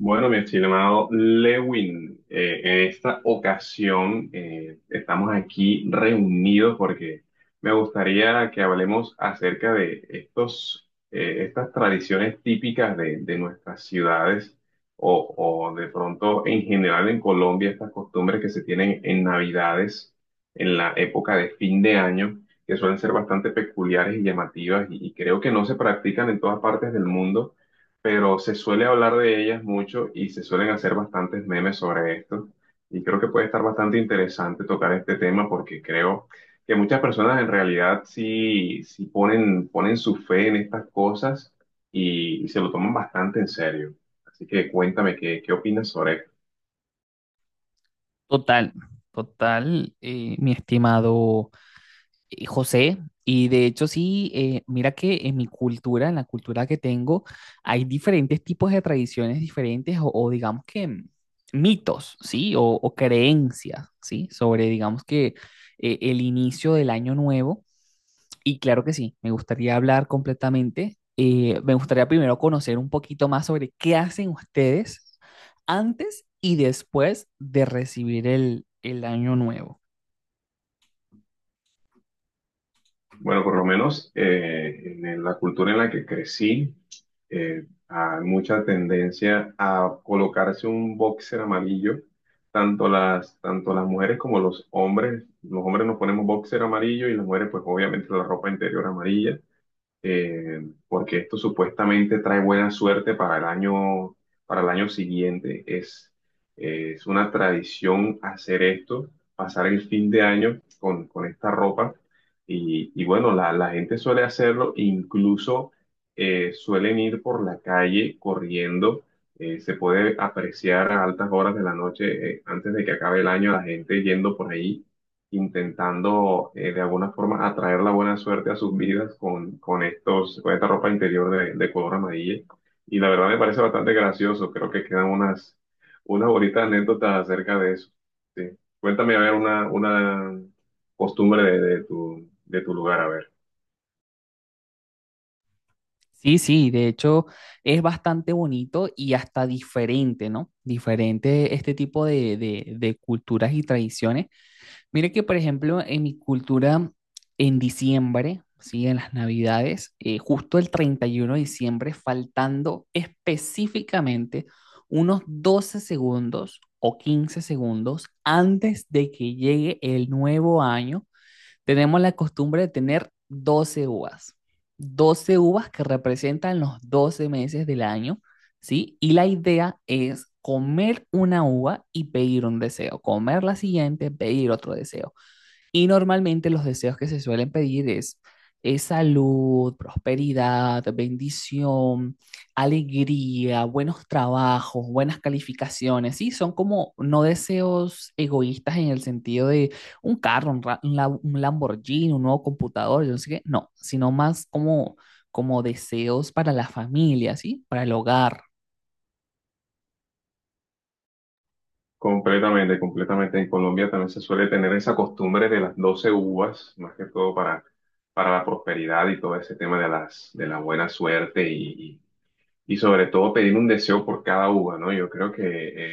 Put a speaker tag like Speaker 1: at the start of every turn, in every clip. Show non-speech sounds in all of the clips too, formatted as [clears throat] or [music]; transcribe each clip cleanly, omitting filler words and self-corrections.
Speaker 1: Bueno, mi estimado Lewin, en esta ocasión estamos aquí reunidos porque me gustaría que hablemos acerca de estas tradiciones típicas de nuestras ciudades o de pronto en general en Colombia, estas costumbres que se tienen en Navidades, en la época de fin de año, que suelen ser bastante peculiares y llamativas y creo que no se practican en todas partes del mundo, pero se suele hablar de ellas mucho y se suelen hacer bastantes memes sobre esto. Y creo que puede estar bastante interesante tocar este tema, porque creo que muchas personas en realidad sí ponen su fe en estas cosas y se lo toman bastante en serio. Así que cuéntame, ¿qué opinas sobre esto?
Speaker 2: Total, total, mi estimado José, y de hecho sí, mira que en mi cultura, en la cultura que tengo, hay diferentes tipos de tradiciones diferentes o digamos que mitos, ¿sí? O creencias, ¿sí? Sobre, digamos que el inicio del año nuevo. Y claro que sí, me gustaría hablar completamente. Me gustaría primero conocer un poquito más sobre qué hacen ustedes antes y después de recibir el año nuevo.
Speaker 1: Bueno, por lo menos en la cultura en la que crecí, hay mucha tendencia a colocarse un boxer amarillo. Tanto las mujeres como los hombres nos ponemos boxer amarillo y las mujeres pues obviamente la ropa interior amarilla, eh, porque esto supuestamente trae buena suerte para el año siguiente. Es una tradición hacer esto, pasar el fin de año con esta ropa. Y bueno, la gente suele hacerlo, incluso suelen ir por la calle corriendo. Se puede apreciar a altas horas de la noche, antes de que acabe el año, la gente yendo por ahí intentando de alguna forma atraer la buena suerte a sus vidas con esta ropa interior de color amarilla. Y la verdad me parece bastante gracioso, creo que quedan unas bonitas anécdotas acerca de eso. Sí. Cuéntame a ver una costumbre de tu lugar, a ver.
Speaker 2: Sí, sí, de hecho es bastante bonito y hasta diferente, ¿no? Diferente este tipo de culturas y tradiciones. Mire que, por ejemplo, en mi cultura, en diciembre, ¿sí? En las Navidades, justo el 31 de diciembre, faltando específicamente unos 12 segundos o 15 segundos antes de que llegue el nuevo año. Tenemos la costumbre de tener 12 uvas que representan los 12 meses del año, ¿sí? Y la idea es comer una uva y pedir un deseo, comer la siguiente, pedir otro deseo. Y normalmente los deseos que se suelen pedir es salud, prosperidad, bendición, alegría, buenos trabajos, buenas calificaciones, ¿sí? Son como no deseos egoístas en el sentido de un carro, un Lamborghini, un nuevo computador, yo no sé qué, no, sino más como, como deseos para la familia, ¿sí? Para el hogar.
Speaker 1: Completamente. En Colombia también se suele tener esa costumbre de las 12 uvas, más que todo para la prosperidad y todo ese tema de de la buena suerte y sobre todo pedir un deseo por cada uva, ¿no? Yo creo que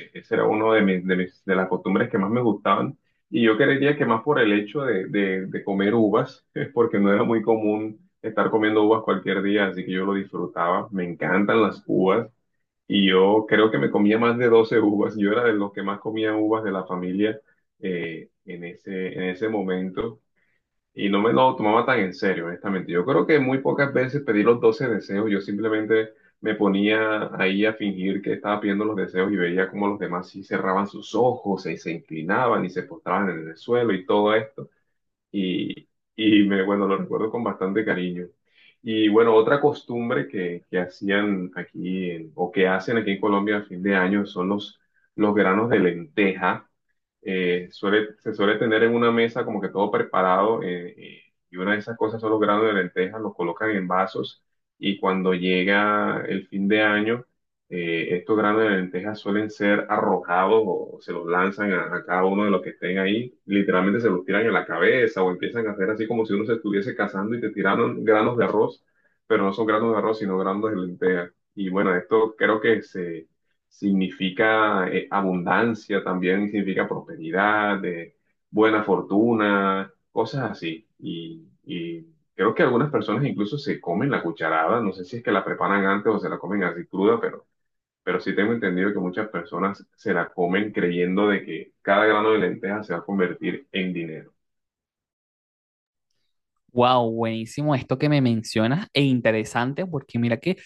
Speaker 1: ese era uno de de las costumbres que más me gustaban. Y yo creería que más por el hecho de comer uvas, [laughs] es porque no era muy común estar comiendo uvas cualquier día, así que yo lo disfrutaba. Me encantan las uvas y yo creo que me comía más de 12 uvas. Yo era de los que más comía uvas de la familia, en ese momento. Y no me lo tomaba tan en serio, honestamente. Yo creo que muy pocas veces pedí los 12 deseos. Yo simplemente me ponía ahí a fingir que estaba pidiendo los deseos y veía cómo los demás sí cerraban sus ojos y se inclinaban y se postraban en el suelo y todo esto. Y, bueno, lo recuerdo con bastante cariño. Y bueno, otra costumbre que hacían aquí en- o que hacen aquí en Colombia a fin de año son los granos de lenteja, se suele tener en una mesa como que todo preparado, y una de esas cosas son los granos de lentejas, los colocan en vasos, y cuando llega el fin de año, estos granos de lentejas suelen ser arrojados o se los lanzan a cada uno de los que estén ahí, literalmente se los tiran en la cabeza o empiezan a hacer así como si uno se estuviese cazando y te tiraron granos de arroz, pero no son granos de arroz, sino granos de lentejas. Y bueno, esto creo que se significa abundancia también, significa prosperidad, buena fortuna, cosas así. Y creo que algunas personas incluso se comen la cucharada, no sé si es que la preparan antes o se la comen así cruda, pero sí tengo entendido que muchas personas se la comen creyendo de que cada grano de lenteja se va a convertir en dinero.
Speaker 2: Wow, buenísimo esto que me mencionas e interesante porque mira que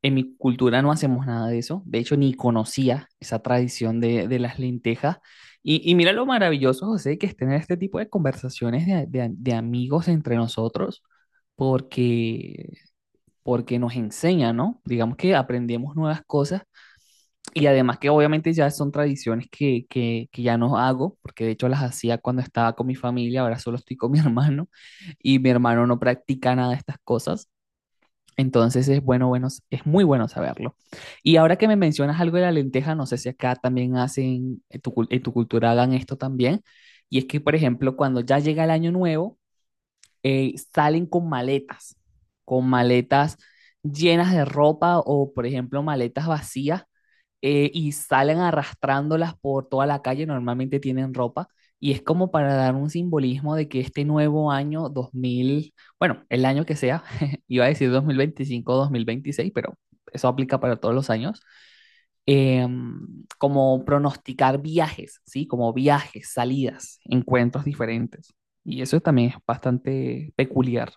Speaker 2: en mi cultura no hacemos nada de eso. De hecho, ni conocía esa tradición de las lentejas. Y mira lo maravilloso, José, que es tener este tipo de conversaciones de, de amigos entre nosotros, porque porque nos enseña, ¿no? Digamos que aprendemos nuevas cosas y además que obviamente ya son tradiciones que ya no hago, porque de hecho las hacía cuando estaba con mi familia, ahora solo estoy con mi [laughs] hermano y mi hermano no practica nada de estas cosas. Entonces es bueno, es muy bueno saberlo. Y ahora que me mencionas algo de la lenteja, no sé si acá también hacen, en en tu cultura hagan esto también. Y es que, por ejemplo, cuando ya llega el año nuevo, salen con maletas llenas de ropa o, por ejemplo, maletas vacías y salen arrastrándolas por toda la calle, normalmente tienen ropa. Y es como para dar un simbolismo de que este nuevo año el año que sea, [laughs] iba a decir 2025 o dos mil veintiséis, pero eso aplica para todos los años, eh, como pronosticar viajes, ¿sí? Como viajes, salidas, encuentros diferentes. Y eso también es bastante peculiar.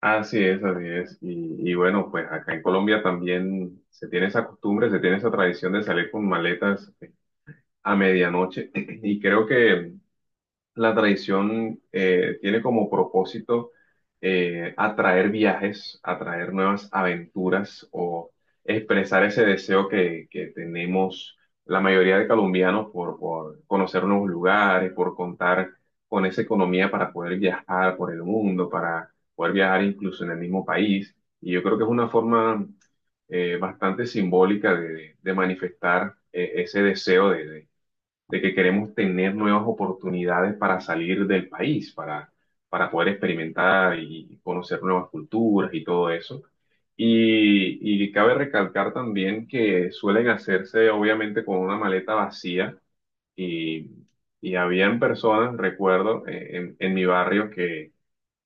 Speaker 1: Así es, así es. Y bueno, pues acá en Colombia también se tiene esa costumbre, se tiene esa tradición de salir con maletas a medianoche [clears throat] y creo que la tradición tiene como propósito atraer viajes, atraer nuevas aventuras o expresar ese deseo que tenemos la mayoría de colombianos por conocer nuevos lugares, por contar con esa economía para poder viajar por el mundo, para poder viajar incluso en el mismo país. Y yo creo que es una forma bastante simbólica de manifestar ese deseo de de que queremos tener nuevas oportunidades para salir del país, para poder experimentar y conocer nuevas culturas y todo eso. Y cabe recalcar también que suelen hacerse obviamente con una maleta vacía, y, y habían personas, recuerdo, en mi barrio que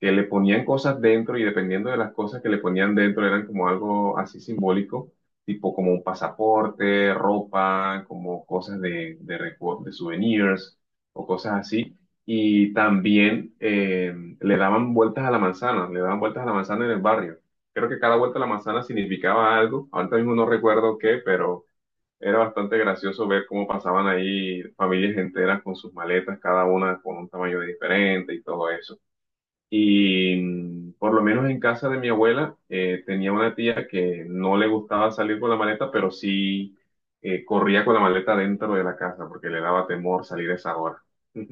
Speaker 1: que le ponían cosas dentro, y dependiendo de las cosas que le ponían dentro eran como algo así simbólico, tipo como un pasaporte, ropa, como cosas recu- de souvenirs o cosas así. Y también le daban vueltas a la manzana, le daban vueltas a la manzana en el barrio. Creo que cada vuelta a la manzana significaba algo, ahorita mismo no recuerdo qué, pero era bastante gracioso ver cómo pasaban ahí familias enteras con sus maletas, cada una con un tamaño diferente y todo eso. Y por lo menos en casa de mi abuela tenía una tía que no le gustaba salir con la maleta, pero sí corría con la maleta dentro de la casa porque le daba temor salir a esa hora. [laughs]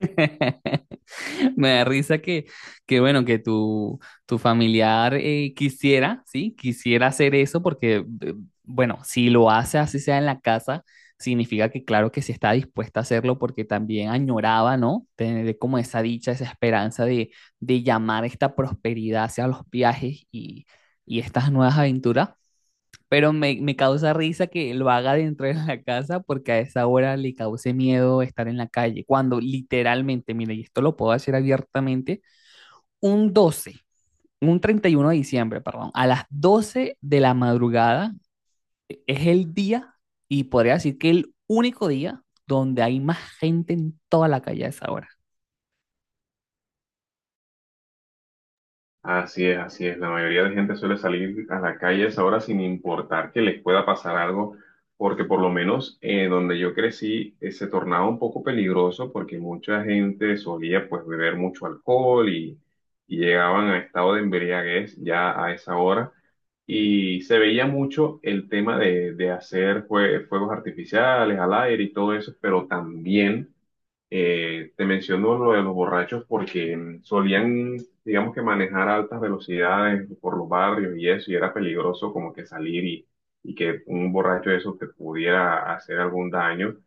Speaker 2: [laughs] Me da risa que bueno, que tu familiar quisiera, ¿sí? Quisiera hacer eso porque, bueno, si lo hace así sea en la casa, significa que claro que sí está dispuesta a hacerlo porque también añoraba, ¿no? Tener como esa dicha, esa esperanza de llamar esta prosperidad hacia los viajes y estas nuevas aventuras. Pero me causa risa que lo haga dentro de la casa porque a esa hora le cause miedo estar en la calle. Cuando literalmente, mire, y esto lo puedo decir abiertamente, un 12 un 31 de diciembre, perdón, a las 12 de la madrugada es el día y podría decir que el único día donde hay más gente en toda la calle a esa hora.
Speaker 1: Así es, así es. La mayoría de gente suele salir a la calle a esa hora sin importar que les pueda pasar algo, porque por lo menos donde yo crecí se tornaba un poco peligroso porque mucha gente solía pues beber mucho alcohol y llegaban a estado de embriaguez ya a esa hora. Y se veía mucho el tema de hacer jue- fuegos artificiales al aire y todo eso, pero también te menciono lo de los borrachos porque digamos que manejar a altas velocidades por los barrios y eso, y era peligroso como que salir y que un borracho de esos te pudiera hacer algún daño.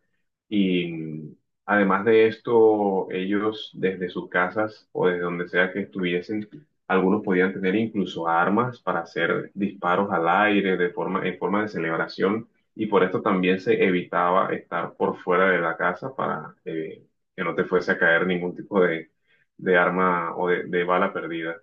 Speaker 1: Y además de esto, ellos desde sus casas o desde donde sea que estuviesen, algunos podían tener incluso armas para hacer disparos al aire de forma, en forma de celebración. Y por esto también se evitaba estar por fuera de la casa para que no te fuese a caer ningún tipo de arma o de bala perdida.